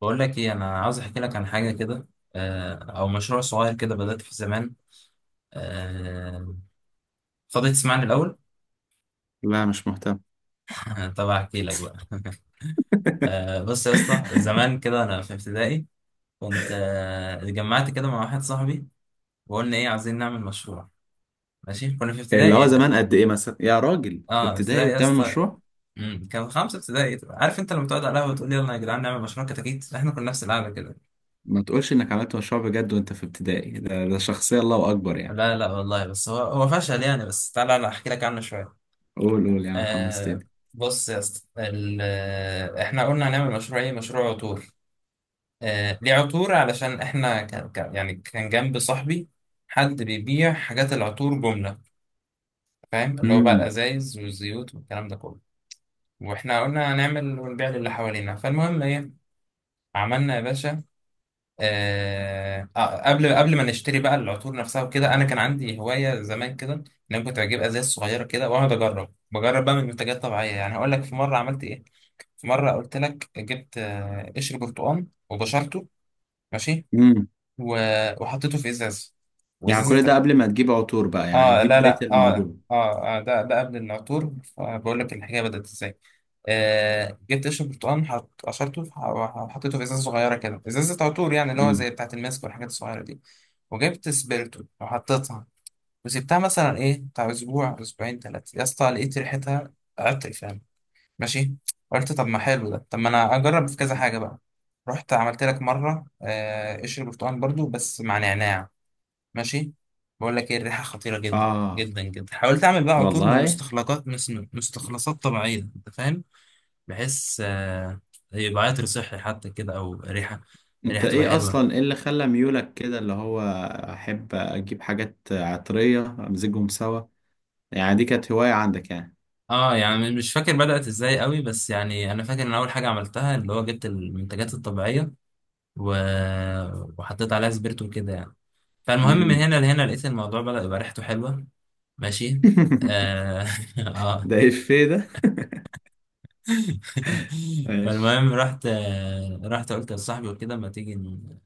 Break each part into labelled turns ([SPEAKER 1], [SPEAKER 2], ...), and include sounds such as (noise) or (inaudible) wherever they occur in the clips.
[SPEAKER 1] بقول لك ايه، انا عاوز احكي لك عن حاجه كده. او مشروع صغير كده بدات فيه زمان. آه، فاضي تسمعني الاول؟
[SPEAKER 2] لا مش مهتم.
[SPEAKER 1] (laughs) طب احكي لك بقى.
[SPEAKER 2] (laughs)
[SPEAKER 1] بص يا اسطى، زمان كده انا في ابتدائي كنت، اتجمعت كده مع واحد صاحبي وقلنا ايه، عايزين نعمل مشروع. ماشي، كنا في
[SPEAKER 2] اللي هو
[SPEAKER 1] ابتدائي.
[SPEAKER 2] زمان قد ايه مثلا يا راجل في
[SPEAKER 1] اه
[SPEAKER 2] ابتدائي
[SPEAKER 1] ابتدائي يا
[SPEAKER 2] وبتعمل
[SPEAKER 1] اسطى.
[SPEAKER 2] مشروع؟
[SPEAKER 1] كان خمسه ابتدائي. عارف انت لما تقعد على القهوه وتقول يلا يا جدعان نعمل مشروع كتاكيت؟ احنا كنا نفس القعده كده.
[SPEAKER 2] ما تقولش انك عملت مشروع بجد وانت في ابتدائي ده شخصية الله اكبر يعني.
[SPEAKER 1] لا لا والله، بس هو هو فشل يعني، بس تعالى انا احكي لك عنه شويه.
[SPEAKER 2] قول قول يا عم
[SPEAKER 1] آه.
[SPEAKER 2] حمستني.
[SPEAKER 1] بص يا اسطى، احنا قلنا هنعمل مشروع ايه؟ مشروع عطور. آه ليه عطور؟ علشان احنا يعني كان جنب صاحبي حد بيبيع حاجات العطور جملة، فاهم؟ اللي هو بقى
[SPEAKER 2] امم.
[SPEAKER 1] الازايز والزيوت والكلام ده كله. واحنا قلنا هنعمل ونبيع للي حوالينا. فالمهم ايه، عملنا يا باشا. قبل ما نشتري بقى العطور نفسها وكده، انا كان عندي هواية زمان كده، ان انا كنت بجيب ازايز صغيرة كده واقعد اجرب، بقى من منتجات طبيعية. يعني هقول لك في مرة عملت ايه. في مرة قلت لك جبت، قشر برتقال وبشرته، ماشي،
[SPEAKER 2] امم.
[SPEAKER 1] وحطيته في إزاز،
[SPEAKER 2] يعني
[SPEAKER 1] وإزازة
[SPEAKER 2] كل ده
[SPEAKER 1] تق-
[SPEAKER 2] قبل ما تجيب عطور بقى؟ يعني
[SPEAKER 1] اه
[SPEAKER 2] دي
[SPEAKER 1] لا
[SPEAKER 2] بداية
[SPEAKER 1] لا اه
[SPEAKER 2] الموضوع؟
[SPEAKER 1] اه, آه ده ده قبل العطور، فبقول لك الحكاية بدأت ازاي. آه جبت قشر برتقال، قشرته، وحطيته في إزازة صغيرة كده، إزازة عطور يعني، اللي هو
[SPEAKER 2] امم.
[SPEAKER 1] زي بتاعة الماسك والحاجات الصغيرة دي. وجبت سبيرتو وحطيتها وسبتها مثلا ايه، بتاع اسبوع اسبوعين ثلاثة، يا اسطى لقيت ريحتها عطر فعلا. ماشي. قلت طب ما حلو ده، طب ما انا اجرب في كذا حاجه بقى. رحت عملت لك مره، قشر برتقال برضو بس مع نعناع. ماشي. بقول لك ايه، الريحه خطيره جدا
[SPEAKER 2] اه
[SPEAKER 1] جدا جدا. حاولت اعمل بقى عطور من
[SPEAKER 2] والله.
[SPEAKER 1] مستخلصات طبيعيه، انت فاهم، بحيث يبقى عطر صحي حتى كده، او ريحه،
[SPEAKER 2] انت
[SPEAKER 1] الريحه تبقى
[SPEAKER 2] ايه
[SPEAKER 1] حلوه.
[SPEAKER 2] اصلا ايه اللي خلى ميولك كده اللي هو احب اجيب حاجات عطرية امزجهم سوا؟ يعني دي كانت هواية عندك يعني؟
[SPEAKER 1] اه يعني مش فاكر بدأت ازاي قوي، بس يعني انا فاكر ان اول حاجه عملتها اللي هو جبت المنتجات الطبيعيه و... وحطيت عليها سبيرتو كده يعني. فالمهم من
[SPEAKER 2] امم.
[SPEAKER 1] هنا لهنا لقيت الموضوع بدأ يبقى ريحته حلوة. ماشي.
[SPEAKER 2] (laughs)
[SPEAKER 1] اه. (laughs) آه.
[SPEAKER 2] ده ايه ده؟ (laughs)
[SPEAKER 1] (laughs)
[SPEAKER 2] ماشي.
[SPEAKER 1] فالمهم رحت، رحت قلت لصاحبي وكده، ما تيجي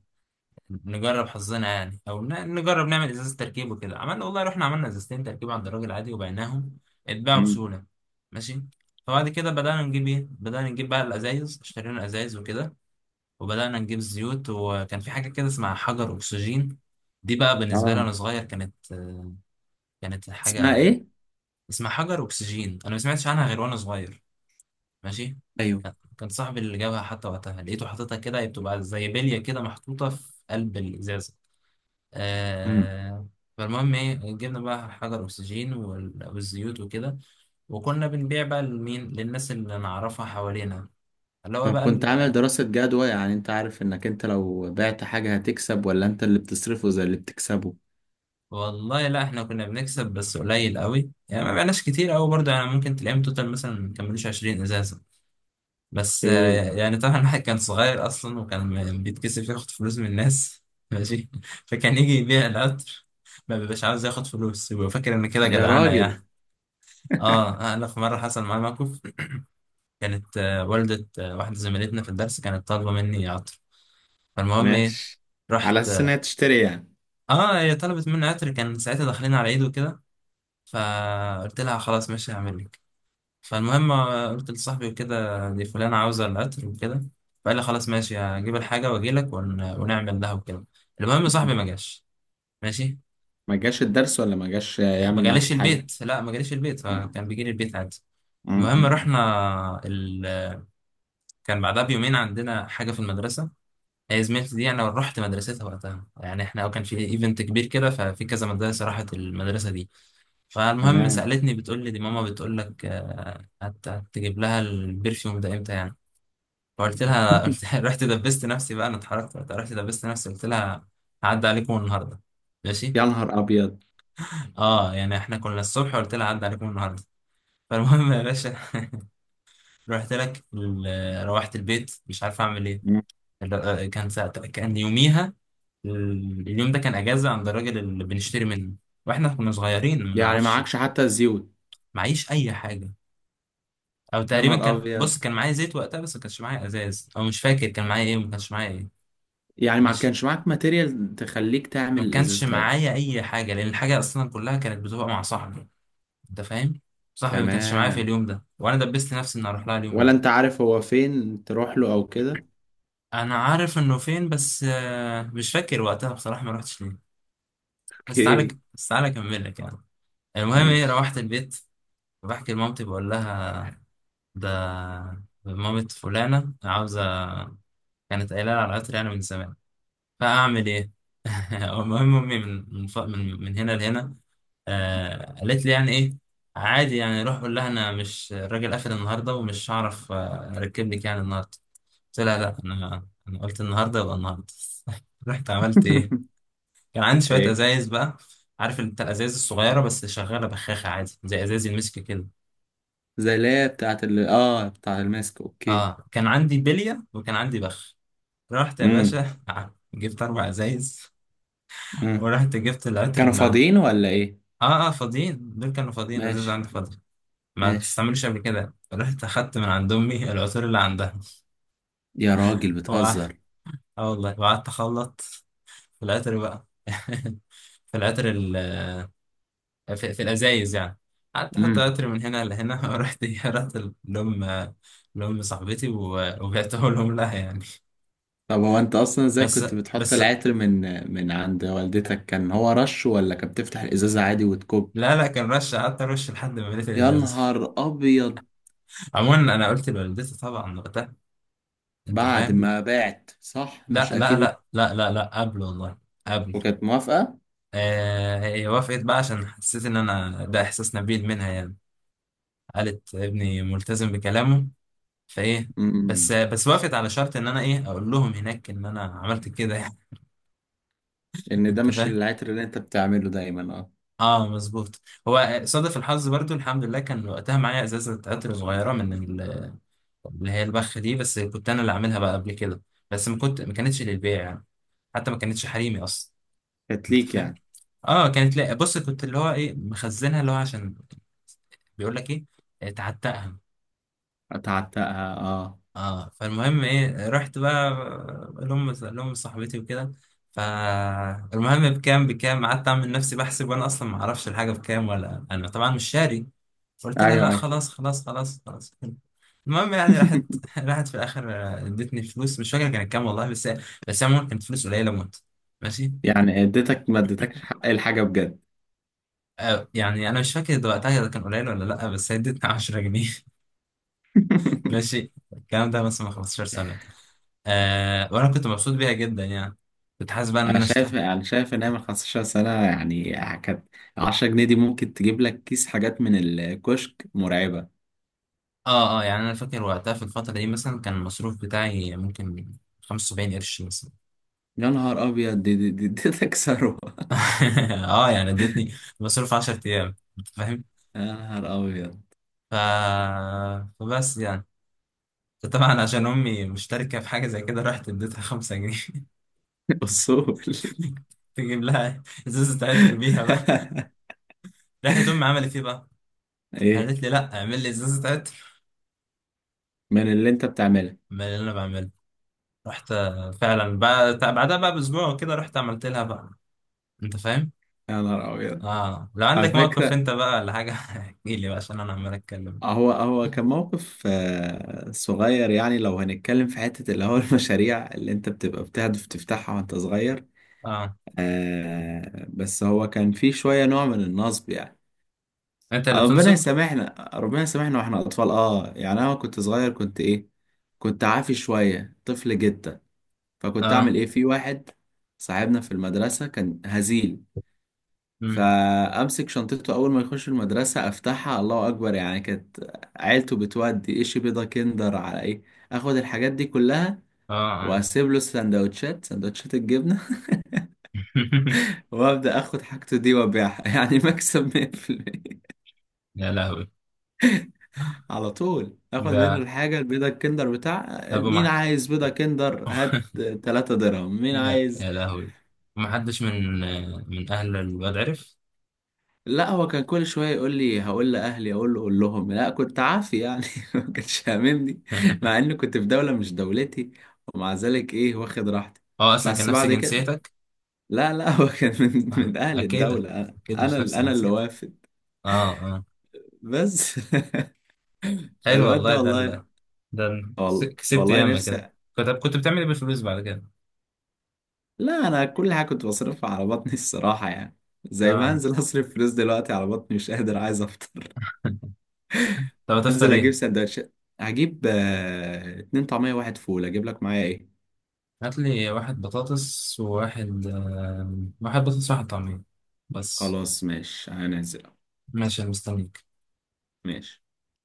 [SPEAKER 1] نجرب حظنا يعني، او نجرب نعمل ازازة تركيب وكده. عملنا والله، رحنا عملنا ازازتين تركيب عند الراجل عادي وبعناهم، اتباعوا
[SPEAKER 2] مم.
[SPEAKER 1] بسهولة. ماشي. فبعد كده بدأنا نجيب ايه، بدأنا نجيب بقى الازايز، اشترينا ازايز وكده، وبدأنا نجيب زيوت. وكان في حاجة كده اسمها حجر أكسجين. دي بقى بالنسبة لي
[SPEAKER 2] اه،
[SPEAKER 1] وأنا صغير كانت كانت
[SPEAKER 2] اسمها
[SPEAKER 1] حاجة.
[SPEAKER 2] ايه؟
[SPEAKER 1] اسمها حجر أكسجين، أنا ما سمعتش عنها غير وأنا صغير. ماشي.
[SPEAKER 2] ايوه.
[SPEAKER 1] كان صاحبي اللي جابها حتى، وقتها لقيته حاططها كده. هي بتبقى زي بلية كده محطوطة في قلب الإزازة.
[SPEAKER 2] امم.
[SPEAKER 1] آه. فالمهم إيه، جبنا بقى حجر أكسجين والزيوت وكده، وكنا بنبيع بقى لمين، للناس اللي نعرفها حوالينا، اللي هو بقى.
[SPEAKER 2] فكنت عامل دراسة جدوى؟ يعني انت عارف انك انت لو بعت حاجة هتكسب ولا انت اللي بتصرفه زي اللي بتكسبه؟
[SPEAKER 1] والله لا، احنا كنا بنكسب بس قليل قوي يعني، ما بقناش كتير قوي برضه يعني، ممكن تلاقيهم توتال مثلا ما كملوش 20 ازازه. بس
[SPEAKER 2] ايه.
[SPEAKER 1] يعني طبعا (laughs) الواحد كان صغير اصلا، وكان بيتكسف ياخد فلوس من الناس. (laughs) ماشي. فكان يجي يبيع القطر، ما بيبقاش عاوز ياخد فلوس، ويبقى فاكر ان كده
[SPEAKER 2] يا
[SPEAKER 1] جدعانه
[SPEAKER 2] راجل.
[SPEAKER 1] يعني.
[SPEAKER 2] (laughs)
[SPEAKER 1] اه انا في مره حصل معايا موقف، كانت والده، واحده زميلتنا في الدرس كانت طالبه مني عطر. فالمهم ايه،
[SPEAKER 2] ماشي. على
[SPEAKER 1] رحت
[SPEAKER 2] اساس انها
[SPEAKER 1] اه،
[SPEAKER 2] تشتري يعني؟
[SPEAKER 1] هي طلبت مني عطر، كان ساعتها داخلين على عيد وكده، فقلت لها خلاص ماشي هعمل لك. فالمهم قلت لصاحبي وكده، دي فلانة عاوزة العطر وكده، فقال لي خلاص ماشي هجيب الحاجة واجيلك ونعمل لها وكده. المهم
[SPEAKER 2] مم.
[SPEAKER 1] صاحبي ما جاش. ماشي.
[SPEAKER 2] ما جاش الدرس ولا ما جاش
[SPEAKER 1] ما
[SPEAKER 2] يعمل معاك
[SPEAKER 1] جاليش
[SPEAKER 2] الحاجه؟
[SPEAKER 1] البيت، لا ما جاليش البيت،
[SPEAKER 2] اه.
[SPEAKER 1] فكان بيجي لي البيت عادي.
[SPEAKER 2] مم.
[SPEAKER 1] المهم
[SPEAKER 2] مم.
[SPEAKER 1] رحنا كان بعدها بيومين عندنا حاجة في المدرسة. هي زميلتي دي، انا رحت مدرستها وقتها، يعني احنا كان في ايفنت كبير كده، ففي كذا مدرسة راحت المدرسة دي. فالمهم
[SPEAKER 2] تمام.
[SPEAKER 1] سألتني بتقول لي دي ماما بتقول لك هتجيب لها البرفيوم ده امتى يعني. فقلت لها (laughs)
[SPEAKER 2] (laughs)
[SPEAKER 1] رحت دبست نفسي بقى، انا اتحركت وقتها، رحت دبست نفسي قلت لها هعدي عليكم النهارده. ماشي.
[SPEAKER 2] يا نهار ابيض.
[SPEAKER 1] اه يعني احنا كنا الصبح قلت لها هعدي عليكم النهارده. (laughs) فالمهم يا باشا، رحت لك روحت البيت مش عارف اعمل ايه.
[SPEAKER 2] مم.
[SPEAKER 1] كان ساعتها كان يوميها، اليوم ده كان اجازه عند الراجل اللي بنشتري منه، واحنا كنا صغيرين ما
[SPEAKER 2] يعني
[SPEAKER 1] نعرفش.
[SPEAKER 2] معكش حتى الزيوت؟
[SPEAKER 1] معيش اي حاجه، او
[SPEAKER 2] يا
[SPEAKER 1] تقريبا
[SPEAKER 2] نهار
[SPEAKER 1] كان،
[SPEAKER 2] ابيض،
[SPEAKER 1] بص كان معايا زيت وقتها بس ما كانش معايا ازاز، او مش فاكر كان معايا ايه ما كانش معايا ايه.
[SPEAKER 2] يعني ما
[SPEAKER 1] ماشي.
[SPEAKER 2] كانش معاك ماتيريال تخليك
[SPEAKER 1] ما
[SPEAKER 2] تعمل
[SPEAKER 1] كانش
[SPEAKER 2] الازاز تاتا.
[SPEAKER 1] معايا اي حاجه، لان الحاجه اصلا كلها كانت بتبقى مع صاحبي، انت فاهم. صاحبي ما كانش معايا في
[SPEAKER 2] تمام.
[SPEAKER 1] اليوم ده، وانا دبست نفسي اني اروح لها اليوم
[SPEAKER 2] ولا
[SPEAKER 1] ده.
[SPEAKER 2] انت عارف هو فين تروح له او كده؟
[SPEAKER 1] انا عارف انه فين، بس مش فاكر وقتها بصراحه ما رحتش ليه. بس تعالى
[SPEAKER 2] اوكي.
[SPEAKER 1] بس تعالى اكمل لك يعني. المهم ايه،
[SPEAKER 2] ماشي.
[SPEAKER 1] روحت البيت بحكي لمامتي بقول لها ده مامة فلانة عاوزة، كانت قايلة لي على العطر يعني من زمان، فأعمل إيه؟ (laughs) المهم أمي من من ف- من من هنا لهنا، آه قالت لي يعني ايه، عادي يعني، روح قول لها انا مش، الراجل قافل النهارده ومش هعرف، اركب لك يعني النهارده. قلت لها لا، انا قلت النهارده يبقى النهارده. (laughs) رحت عملت ايه،
[SPEAKER 2] (laughs)
[SPEAKER 1] كان عندي شويه
[SPEAKER 2] ايه،
[SPEAKER 1] ازايز بقى، عارف انت الازايز الصغيره، بس شغاله بخاخه عادي زي ازايز المسك كده.
[SPEAKER 2] زي اللي هي بتاعت ال اه بتاعت الماسك. اوكي.
[SPEAKER 1] اه كان عندي بليه وكان عندي بخ. رحت يا
[SPEAKER 2] امم.
[SPEAKER 1] باشا (laughs) جبت اربع ازايز (laughs)
[SPEAKER 2] امم.
[SPEAKER 1] ورحت جبت العطر
[SPEAKER 2] كانوا
[SPEAKER 1] اللي عندي.
[SPEAKER 2] فاضيين ولا ايه؟
[SPEAKER 1] اه اه فاضيين، دول كانوا فاضيين ازايز
[SPEAKER 2] ماشي.
[SPEAKER 1] عندي فاضي، ما
[SPEAKER 2] ماشي.
[SPEAKER 1] تستعملوش قبل كده. رحت أخدت من عند أمي العطور اللي عندها
[SPEAKER 2] يا راجل
[SPEAKER 1] وقع-
[SPEAKER 2] بتهزر.
[SPEAKER 1] اه والله، وقعدت أخلط في العطر بقى، (laughs) في العطر في, في الأزايز يعني، قعدت أحط
[SPEAKER 2] امم.
[SPEAKER 1] عطر من هنا لهنا. (laughs) رحت لأم لأم صاحبتي وبعته لهم لها يعني.
[SPEAKER 2] طب هو انت اصلا ازاي
[SPEAKER 1] بس
[SPEAKER 2] كنت بتحط
[SPEAKER 1] بس
[SPEAKER 2] العطر من عند والدتك؟ كان هو رش ولا كان بتفتح الازازة عادي وتكب؟
[SPEAKER 1] لا لا، كان رش، قعدت أرش لحد ما مليت
[SPEAKER 2] يا
[SPEAKER 1] الإزاز. (laughs)
[SPEAKER 2] نهار ابيض.
[SPEAKER 1] عموما أنا قلت لوالدتي طبعا وقتها، أنت
[SPEAKER 2] بعد
[SPEAKER 1] فاهم.
[SPEAKER 2] ما بعت، صح؟
[SPEAKER 1] لا
[SPEAKER 2] مش
[SPEAKER 1] لا
[SPEAKER 2] اكيد.
[SPEAKER 1] لا لا لا لا قبل والله، قبل.
[SPEAKER 2] وكانت موافقة؟
[SPEAKER 1] هي وافقت بقى عشان حسيت ان انا، ده احساس نبيل منها يعني، قالت ابني ملتزم بكلامه، فايه. بس
[SPEAKER 2] امم.
[SPEAKER 1] بس وافقت على شرط ان انا ايه، اقول لهم هناك ان انا عملت كده يعني. (laughs)
[SPEAKER 2] ان ده
[SPEAKER 1] انت
[SPEAKER 2] مش
[SPEAKER 1] فاهم.
[SPEAKER 2] العطر اللي انت بتعمله دايما؟ اه.
[SPEAKER 1] اه مظبوط. هو صادف الحظ برضو، الحمد لله كان وقتها معايا ازازه عطر صغيره من اللي هي البخ دي، بس كنت انا اللي عاملها بقى قبل كده، بس ما كانتش للبيع يعني، حتى ما كانتش حريمي اصلا،
[SPEAKER 2] كانت
[SPEAKER 1] انت
[SPEAKER 2] ليك
[SPEAKER 1] فاهم.
[SPEAKER 2] يعني؟
[SPEAKER 1] اه كانت، لا بص كنت اللي هو ايه، مخزنها اللي هو عشان بيقول لك ايه، تعتقها.
[SPEAKER 2] اتعتقها، اه.
[SPEAKER 1] اه فالمهم ايه، رحت بقى لهم لهم صاحبتي وكده. فالمهم بكام قعدت اعمل نفسي بحسب، وانا اصلا ما اعرفش الحاجه بكام، ولا انا طبعا مش شاري. قلت لها لا
[SPEAKER 2] ايوه، ايوه.
[SPEAKER 1] خلاص. المهم يعني راحت
[SPEAKER 2] (laughs)
[SPEAKER 1] (laughs) راحت في الاخر ادتني فلوس، مش فاكر كانت كام والله، بس بس عموما كانت فلوس قليله موت. ماشي.
[SPEAKER 2] يعني اديتك ما اديتكش حق الحاجه بجد.
[SPEAKER 1] آه يعني انا مش فاكر وقتها كان قليل ولا لا، بس هي ادتني 10 جنيه.
[SPEAKER 2] (laughs)
[SPEAKER 1] ماشي. الكلام ده مثلا من 15 سنة. آه وأنا كنت مبسوط بيها جدا يعني، كنت حاسس بقى إن
[SPEAKER 2] انا
[SPEAKER 1] أنا
[SPEAKER 2] شايف
[SPEAKER 1] اشتغلت.
[SPEAKER 2] انا شايف ان هي من 15 سنه يعني، كانت 10 جنيه دي ممكن تجيب لك كيس حاجات من الكشك مرعبه.
[SPEAKER 1] آه يعني أنا فاكر وقتها في الفترة دي مثلا كان المصروف بتاعي ممكن 75 قرش مثلا.
[SPEAKER 2] يا نهار ابيض، دي تكسره.
[SPEAKER 1] (laughs) آه يعني ادتني مصروف 10 أيام، أنت فاهم.
[SPEAKER 2] (laughs) يا نهار ابيض.
[SPEAKER 1] ف... فبس يعني، طبعا عشان أمي مشتركة في حاجة زي كده، رحت اديتها 5 جنيه.
[SPEAKER 2] اصول. (laughs)
[SPEAKER 1] (laughs) تجيب لها ازازة عطر بيها بقى. راحت أمي عملت إيه بقى؟
[SPEAKER 2] ايه.
[SPEAKER 1] قالت لي لأ، اعمل لي ازازة عطر.
[SPEAKER 2] من اللي انت بتعمله؟
[SPEAKER 1] أمال اللي أنا بعمله. رحت فعلا بعد بعدها بقى باسبوع كده رحت عملت لها بقى، انت فاهم.
[SPEAKER 2] يا نهار ابيض.
[SPEAKER 1] اه لو
[SPEAKER 2] على
[SPEAKER 1] عندك موقف
[SPEAKER 2] فكره،
[SPEAKER 1] انت بقى ولا حاجه (laughs) احكي لي بقى عشان انا عمال اتكلم.
[SPEAKER 2] هو كان موقف صغير. يعني لو هنتكلم في حتة اللي هو (laughs) المشاريع اللي انت بتبقى بتهدف تفتحها وانت صغير.
[SPEAKER 1] اه
[SPEAKER 2] بس هو كان في شوية نوع من النصب يعني.
[SPEAKER 1] انت اللي
[SPEAKER 2] ربنا
[SPEAKER 1] بتنصب.
[SPEAKER 2] يسامحنا، ربنا يسامحنا، واحنا اطفال. اه يعني انا كنت صغير، كنت ايه؟ كنت عافي شوية، طفل جدا. فكنت اعمل
[SPEAKER 1] اه
[SPEAKER 2] ايه في واحد صاحبنا في المدرسة كان هزيل.
[SPEAKER 1] امم
[SPEAKER 2] فامسك شنطته اول ما يخش المدرسه افتحها، الله اكبر يعني، كانت عيلته بتودي ايش. بيضه كندر، على ايه. اخد الحاجات دي كلها،
[SPEAKER 1] اه
[SPEAKER 2] واسيب له سندوتشات، سندوتشات الجبنه.
[SPEAKER 1] (laughs)
[SPEAKER 2] (laughs) وابدا اخد حاجته دي وابيعها. (laughs) يعني مكسب 100%.
[SPEAKER 1] يا لهوي.
[SPEAKER 2] على طول اخد
[SPEAKER 1] ده
[SPEAKER 2] منه الحاجه البيضه، الكندر، بتاع
[SPEAKER 1] طب
[SPEAKER 2] مين
[SPEAKER 1] وما
[SPEAKER 2] عايز بيضه كندر؟ هات
[SPEAKER 1] (laughs)
[SPEAKER 2] 3 درهم. مين
[SPEAKER 1] يا
[SPEAKER 2] عايز؟
[SPEAKER 1] يا لهوي، ما حدش من من اهل الواد عرف؟
[SPEAKER 2] لا، هو كان كل شويه يقول لي هقول لاهلي، اقول له قول لهم، لا كنت عافي يعني. (laughs) ما كانش هاممني مع
[SPEAKER 1] (laughs)
[SPEAKER 2] اني كنت في دوله مش دولتي، ومع ذلك ايه واخد راحتي.
[SPEAKER 1] اه اصلا كان
[SPEAKER 2] بس
[SPEAKER 1] نفس
[SPEAKER 2] بعد كده.
[SPEAKER 1] جنسيتك.
[SPEAKER 2] لا لا. (laughs) هو كان من
[SPEAKER 1] آه.
[SPEAKER 2] من اهل
[SPEAKER 1] اكيد،
[SPEAKER 2] الدوله، انا
[SPEAKER 1] اكيد
[SPEAKER 2] انا
[SPEAKER 1] مش نفس
[SPEAKER 2] انا اللي
[SPEAKER 1] جنسيتك.
[SPEAKER 2] وافد.
[SPEAKER 1] اه اه.
[SPEAKER 2] بس. (laughs)
[SPEAKER 1] حلو
[SPEAKER 2] فالواد
[SPEAKER 1] والله
[SPEAKER 2] ده
[SPEAKER 1] ده.
[SPEAKER 2] والله.
[SPEAKER 1] ده أنا كسبت
[SPEAKER 2] والله
[SPEAKER 1] ياما كده.
[SPEAKER 2] نفسي.
[SPEAKER 1] كنت كنت بتعمل ايه بالفلوس بعد كده؟
[SPEAKER 2] لا انا كل حاجه كنت بصرفها على بطني الصراحه يعني، زي ما
[SPEAKER 1] اه.
[SPEAKER 2] هنزل اصرف فلوس دلوقتي على بطني مش قادر عايز.
[SPEAKER 1] (laughs) طب هتفطر
[SPEAKER 2] انزل اجيب
[SPEAKER 1] ايه؟
[SPEAKER 2] سندوتشات. هجيب اتنين طعمية واحد فول. اجيب لك معايا ايه؟
[SPEAKER 1] هات لي واحد بطاطس وواحد واحد بطاطس وواحد طعمية، بس.
[SPEAKER 2] خلاص ماشي، هنزل.
[SPEAKER 1] ماشي انا مستنيك.
[SPEAKER 2] ماشي.